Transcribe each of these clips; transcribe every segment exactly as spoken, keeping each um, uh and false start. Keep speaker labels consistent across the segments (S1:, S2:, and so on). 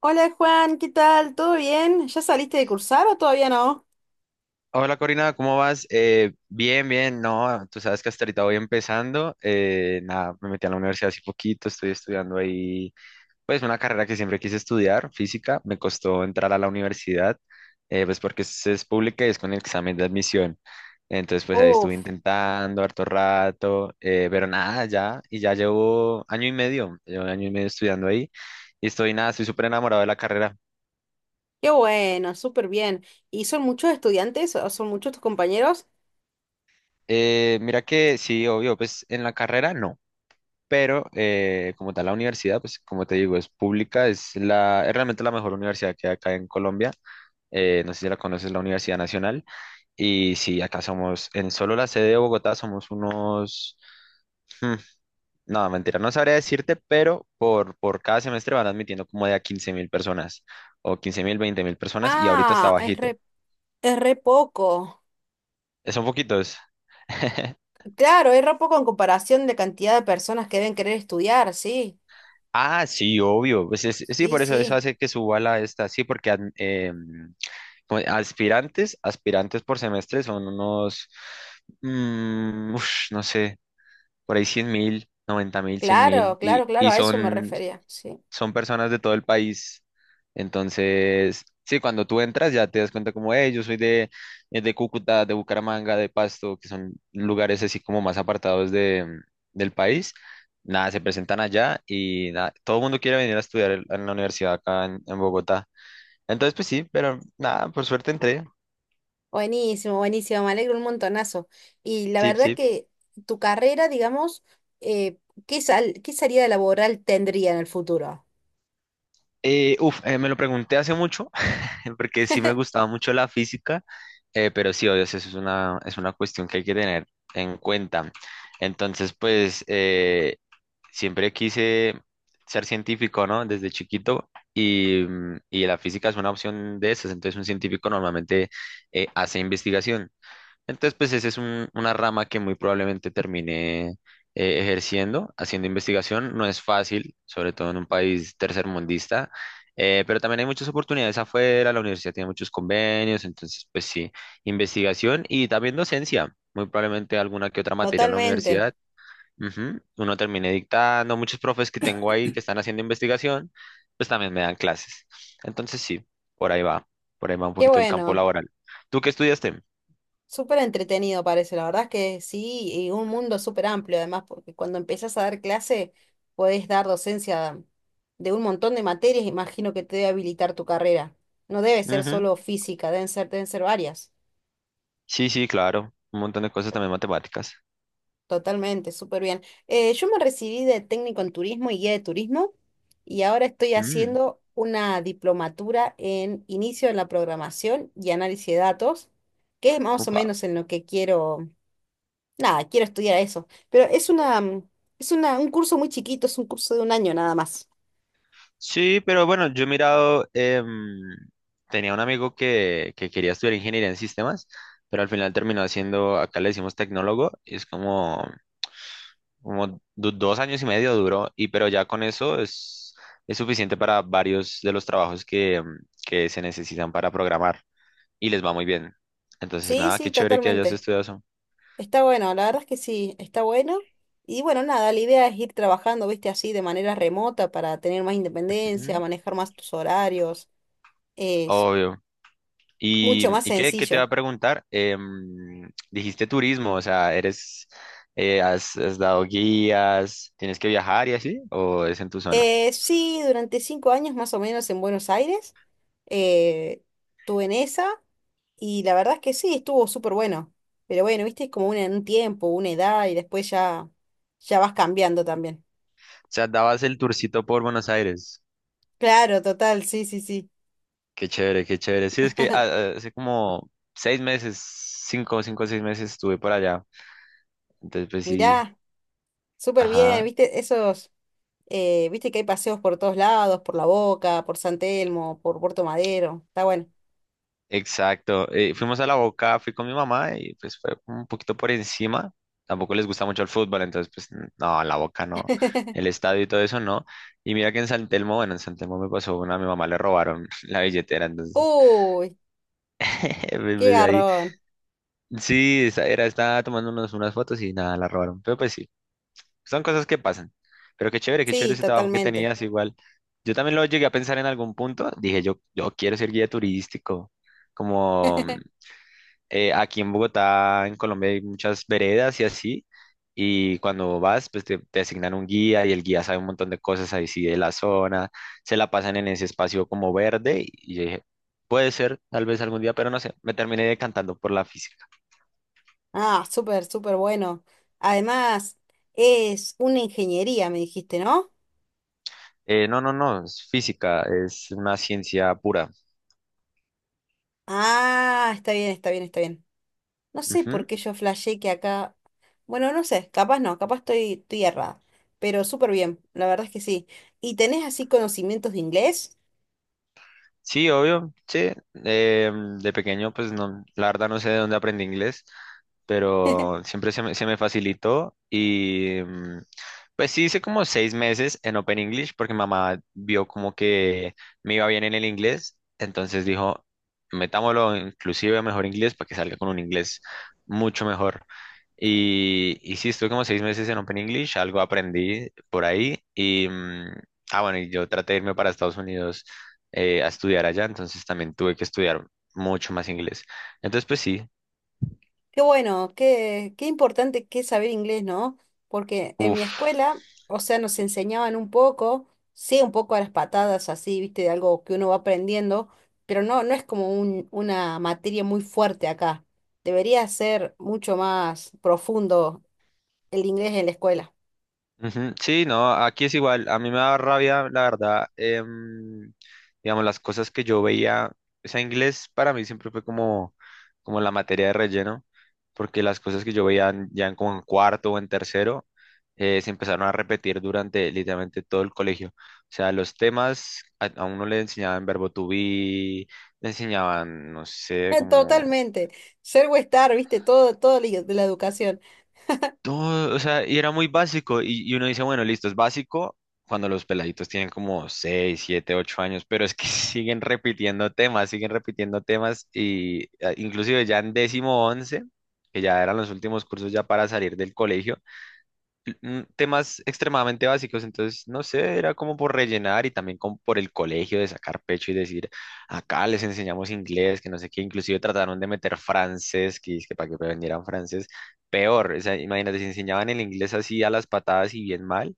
S1: Hola Juan, ¿qué tal? ¿Todo bien? ¿Ya saliste de cursar o todavía no?
S2: Hola Corina, ¿cómo vas? Eh, bien, bien, no, tú sabes que hasta ahorita voy empezando, eh, nada, me metí a la universidad hace poquito, estoy estudiando ahí, pues una carrera que siempre quise estudiar, física. Me costó entrar a la universidad, eh, pues porque es, es pública y es con el examen de admisión. Entonces pues ahí estuve
S1: Uf,
S2: intentando harto rato, eh, pero nada, ya, y ya llevo año y medio, llevo año y medio estudiando ahí, y estoy nada, estoy súper enamorado de la carrera.
S1: qué bueno, súper bien. ¿Y son muchos estudiantes o son muchos tus compañeros?
S2: Eh, mira que sí, obvio, pues en la carrera no, pero eh, como tal la universidad, pues como te digo, es pública, es la, es realmente la mejor universidad que hay acá en Colombia. Eh, no sé si la conoces, la Universidad Nacional. Y sí, acá somos, en solo la sede de Bogotá somos unos, hmm, no, mentira, no sabría decirte, pero por, por cada semestre van admitiendo como de a quince mil personas, o quince mil, veinte mil personas, y ahorita está
S1: Ah, es
S2: bajito.
S1: re, es re poco.
S2: Eh, Son poquitos.
S1: Claro, es re poco en comparación de cantidad de personas que deben querer estudiar, sí.
S2: Ah, sí, obvio. Pues es- sí,
S1: Sí,
S2: por eso eso
S1: sí.
S2: hace que suba la esta, sí, porque ad- em, co- aspirantes, aspirantes por semestre son unos, mm, ush, no sé, por ahí cien mil, noventa mil, cien mil,
S1: Claro, claro,
S2: y,
S1: claro,
S2: y
S1: a eso me
S2: son,
S1: refería, sí.
S2: son personas de todo el país. Entonces, sí, cuando tú entras ya te das cuenta como, hey, yo soy de, eh, de Cúcuta, de Bucaramanga, de Pasto, que son lugares así como más apartados de, del país. Nada, se presentan allá y nada, todo el mundo quiere venir a estudiar en en la universidad acá en en Bogotá. Entonces, pues sí, pero nada, por suerte entré.
S1: Buenísimo, buenísimo, me alegro un montonazo. Y la
S2: Sí,
S1: verdad
S2: sí.
S1: que tu carrera, digamos, eh, ¿qué sal, qué salida laboral tendría en el futuro?
S2: Eh, uf, eh, me lo pregunté hace mucho, porque sí me gustaba mucho la física, eh, pero sí, obvio, eso es una, es una cuestión que hay que tener en cuenta. Entonces, pues, eh, siempre quise ser científico, ¿no? Desde chiquito, y, mm, y la física es una opción de esas. Entonces un científico normalmente eh, hace investigación. Entonces, pues esa es un- una rama que muy probablemente termine eh, ejerciendo, haciendo investigación. No es fácil, sobre todo en un país tercermundista, eh, pero también hay muchas oportunidades afuera, la universidad tiene muchos convenios. Entonces, pues sí, investigación y también docencia, muy probablemente alguna que otra materia en la
S1: Totalmente.
S2: universidad. Ujú. Uno termine dictando, muchos profes que tengo ahí que están haciendo investigación, pues también me dan clases. Entonces, sí, por ahí va, por ahí va un
S1: Qué
S2: poquito el campo
S1: bueno.
S2: laboral. ¿Tú qué estudiaste?
S1: Súper entretenido parece. La verdad es que sí, y un mundo súper amplio además, porque cuando empezás a dar clase, podés dar docencia de un montón de materias. Imagino que te debe habilitar tu carrera. No debe ser
S2: Ujú.
S1: solo física, deben ser, deben ser varias.
S2: Sí, sí, claro. Un montón de cosas también matemáticas.
S1: Totalmente, súper bien. Eh, yo me recibí de técnico en turismo y guía de turismo, y ahora estoy
S2: Mm,
S1: haciendo una diplomatura en inicio en la programación y análisis de datos, que es más o
S2: Upa.
S1: menos en lo que quiero. Nada, quiero estudiar eso. Pero es una, mm, es una, un curso muy chiquito, es un curso de un año nada más.
S2: Sí, pero bueno, yo he mirado, em, tenía un amigo que, que quería estudiar ingeniería en sistemas, pero al final terminó haciendo, acá le decimos tecnólogo, y es como, como du- dos años y medio duró, y pero ya con eso es, es suficiente para varios de los trabajos que, em, que se necesitan para programar, y les va muy bien. Entonces,
S1: Sí,
S2: nada,
S1: sí,
S2: qué chévere que hayas
S1: totalmente.
S2: estudiado eso.
S1: Está bueno, la verdad es que sí, está bueno. Y bueno, nada, la idea es ir trabajando, viste, así de manera remota para tener más independencia,
S2: Ujú.
S1: manejar más tus horarios. Es
S2: Obvio. ¿Y,
S1: mucho más
S2: y qué, qué te va
S1: sencillo.
S2: a preguntar? Em, dijiste turismo, o sea, eres, eh, has, has dado guías, ¿tienes que viajar y así, o es en tu zona?
S1: Eh, sí, durante cinco años más o menos en Buenos Aires, eh, estuve en esa y la verdad es que sí, estuvo súper bueno. Pero bueno, viste, es como una- un tiempo, una edad y después ya, ya vas cambiando también.
S2: O sea, dabas el tourcito por Buenos Aires.
S1: Claro, total, sí, sí, sí.
S2: Qué chévere, qué chévere. Sí, es que ah, ah, hace como seis meses, cinco, cinco o seis meses estuve por allá. Entonces, pues sí.
S1: Mirá, súper bien,
S2: Ajá.
S1: viste, esos, eh, viste que hay paseos por todos lados, por La Boca, por San Telmo, por Puerto Madero, está bueno.
S2: Exacto. Eh, fuimos a la Boca, fui con mi mamá y pues fue como un poquito por encima. Tampoco les gusta mucho el fútbol, entonces pues n- no, la Boca no, el estadio y todo eso no. Y mira que en San Telmo, bueno, en San Telmo me pasó una, a mi mamá le robaron la billetera, entonces
S1: Uy,
S2: pues,
S1: qué
S2: pues, ahí.
S1: garrón.
S2: Sí, esa era, estaba tomándonos unas fotos y nada, la robaron. Pero pues sí, son cosas que pasan. Pero qué chévere, qué chévere
S1: Sí,
S2: ese trabajo que
S1: totalmente.
S2: tenías igual. Yo también lo llegué a pensar en algún punto, dije yo, yo quiero ser guía turístico como eh, aquí en Bogotá, en Colombia, hay muchas veredas y así. Y cuando vas, pues te, te asignan un guía y el guía sabe un montón de cosas ahí sí de la zona. Se la pasan en ese espacio como verde. Y yo dije, puede ser, tal vez algún día, pero no sé. Me terminé decantando por la física.
S1: Ah, súper, súper bueno. Además, es una ingeniería, me dijiste, ¿no?
S2: Eh, no, no, no, es física, es una ciencia pura.
S1: Ah, está bien, está bien, está bien. No sé por
S2: Ujú.
S1: qué yo flashé que acá... Bueno, no sé, capaz no, capaz estoy, estoy errada. Pero súper bien, la verdad es que sí. ¿Y tenés así conocimientos de inglés?
S2: Sí, obvio, sí. Eh, de pequeño, pues no, la verdad no sé de dónde aprendí inglés, pero siempre se me, se me facilitó y mm, pues sí hice como seis meses en Open English porque mamá vio como que me iba bien en el inglés, entonces dijo, metámoslo inclusive a mejor inglés para que salga con un inglés mucho mejor. Y, y sí, estuve como seis meses en Open English, algo aprendí por ahí y... mm, Ah, bueno, y yo traté de irme para Estados Unidos eh, a estudiar allá, entonces también tuve que estudiar mucho más inglés. Entonces, pues sí.
S1: Qué bueno, qué, qué importante que es saber inglés, ¿no? Porque en mi
S2: uff.
S1: escuela, o sea, nos enseñaban un poco, sí, un poco a las patadas, así, viste, de algo que uno va aprendiendo, pero no, no es como un- una materia muy fuerte acá. Debería ser mucho más profundo el inglés en la escuela.
S2: Ujú. Sí, no, aquí es igual, a mí me da rabia, la verdad, em, digamos, las cosas que yo veía, o sea, inglés para mí siempre fue como, como la materia de relleno, porque las cosas que yo veía en- ya en, como en cuarto o en tercero, eh, se empezaron a repetir durante literalmente todo el colegio. O sea, los temas, a, a uno le enseñaban verbo to be, le enseñaban, no sé, como
S1: Totalmente. Ser o estar, viste, todo, todo la- de la educación.
S2: todo, o sea, y era muy básico. Y, y uno dice, bueno, listo, es básico cuando los peladitos tienen como seis siete ocho años, pero es que siguen repitiendo temas, siguen repitiendo temas y eh, inclusive ya en décimo once, que ya eran los últimos cursos ya para salir del colegio, mm, temas extremadamente básicos. Entonces, no sé, era como por rellenar y también como por el colegio de sacar pecho y decir, acá les enseñamos inglés, que no sé qué, inclusive trataron de meter francés, que, es que para que aprendieran francés, peor, o sea, imagínate, si enseñaban el inglés así a las patadas y bien mal,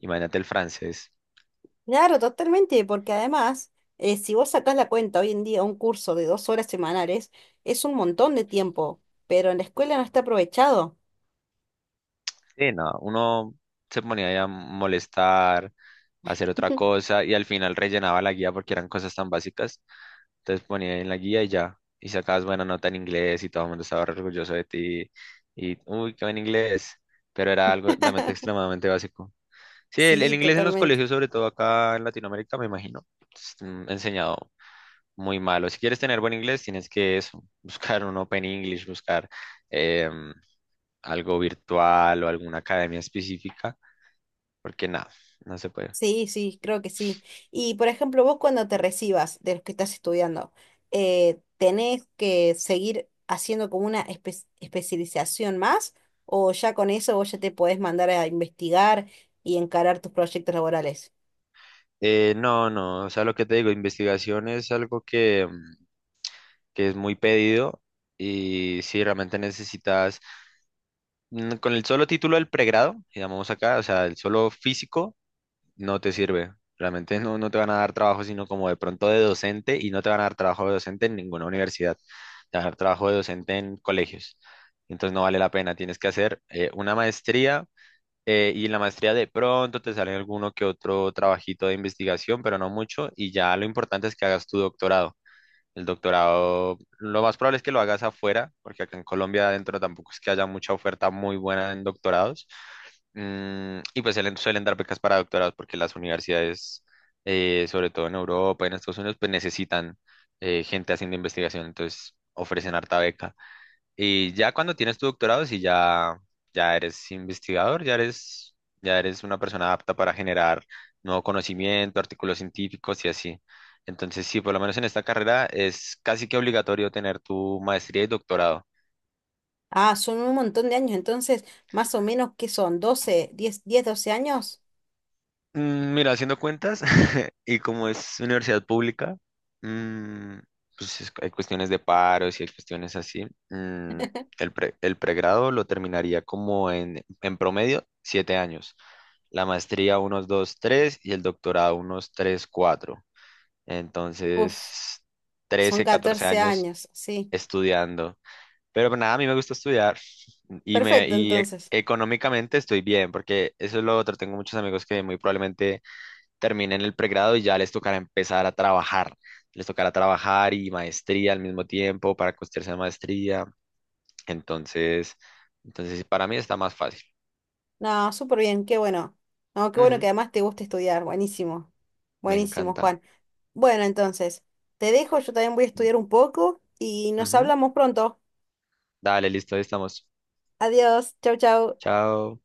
S2: imagínate el francés.
S1: Claro, totalmente, porque además, eh, si vos sacás la cuenta hoy en día, un curso de dos horas semanales es un montón de tiempo, pero en la escuela no está aprovechado.
S2: Sí, no, uno se ponía ahí a molestar, a hacer otra cosa y al final rellenaba la guía porque eran cosas tan básicas. Entonces ponía en la guía y ya. Y sacabas buena nota en inglés y todo el mundo estaba re orgulloso de ti. Y, uy, qué buen inglés. Pero era algo realmente extremadamente básico. Sí, el, el
S1: Sí,
S2: inglés en los
S1: totalmente.
S2: colegios, sobre todo acá en Latinoamérica, me imagino, es mm, enseñado muy malo. Si quieres tener buen inglés, tienes que eso, buscar un Open English, buscar em, algo virtual o alguna academia específica, porque nada, no se puede.
S1: Sí, sí, creo que sí. Y por ejemplo, vos cuando te recibas de los que estás estudiando, eh, ¿tenés que seguir haciendo como una espe- especialización más? ¿O ya con eso vos ya te podés mandar a investigar y encarar tus proyectos laborales?
S2: Eh, no, no, o sea, lo que te digo, investigación es algo que... em, que es muy pedido, y si realmente necesitas, mm, con el solo título del pregrado, llamamos acá, o sea, el solo físico, no te sirve. Realmente no, no te van a dar trabajo, sino como de pronto de docente, y no te van a dar trabajo de docente en ninguna universidad. Te van a dar trabajo de docente en colegios. Entonces no vale la pena, tienes que hacer eh, una maestría, eh, y en la maestría de pronto te sale alguno que otro trabajito de investigación, pero no mucho, y ya lo importante es que hagas tu doctorado. El doctorado, lo más probable es que lo hagas afuera, porque acá en Colombia adentro tampoco es que haya mucha oferta muy buena en doctorados. Mm, y pues suelen, suelen dar becas para doctorados porque las universidades, eh, sobre todo en Europa y en Estados Unidos, pues necesitan eh, gente haciendo investigación, entonces ofrecen harta beca. Y ya cuando tienes tu doctorado, si ya, ya eres investigador, ya eres, ya eres una persona apta para generar nuevo conocimiento, artículos científicos y así. Entonces, sí, por lo menos en esta carrera es casi que obligatorio tener tu maestría y doctorado.
S1: Ah, son un montón de años, entonces, más o menos, ¿qué son? ¿Doce, diez, diez, doce años?
S2: Mm, Mira, haciendo cuentas, y como es universidad pública, mm, pues es- hay cuestiones de paros y hay cuestiones así. Mm, el pre- el pregrado lo terminaría como en, en promedio siete años. La maestría unos dos, tres y el doctorado unos tres, cuatro.
S1: Uf,
S2: Entonces,
S1: son
S2: trece catorce
S1: catorce
S2: años
S1: años, sí.
S2: estudiando. Pero nada, a mí me gusta estudiar y, me,
S1: Perfecto,
S2: y e-
S1: entonces.
S2: económicamente estoy bien, porque eso es lo otro. Tengo muchos amigos que muy probablemente terminen el pregrado y ya les tocará empezar a trabajar. Les tocará trabajar y maestría al mismo tiempo para costearse la maestría. Entonces, entonces para mí está más fácil.
S1: No, súper bien, qué bueno. No, qué bueno que
S2: Ujú.
S1: además te gusta estudiar, buenísimo.
S2: Me
S1: Buenísimo,
S2: encanta.
S1: Juan. Bueno, entonces, te dejo, yo también voy a estudiar un poco y nos
S2: Ujú.
S1: hablamos pronto.
S2: Dale, listo, ahí estamos.
S1: Adiós, chau, chau.
S2: Chao.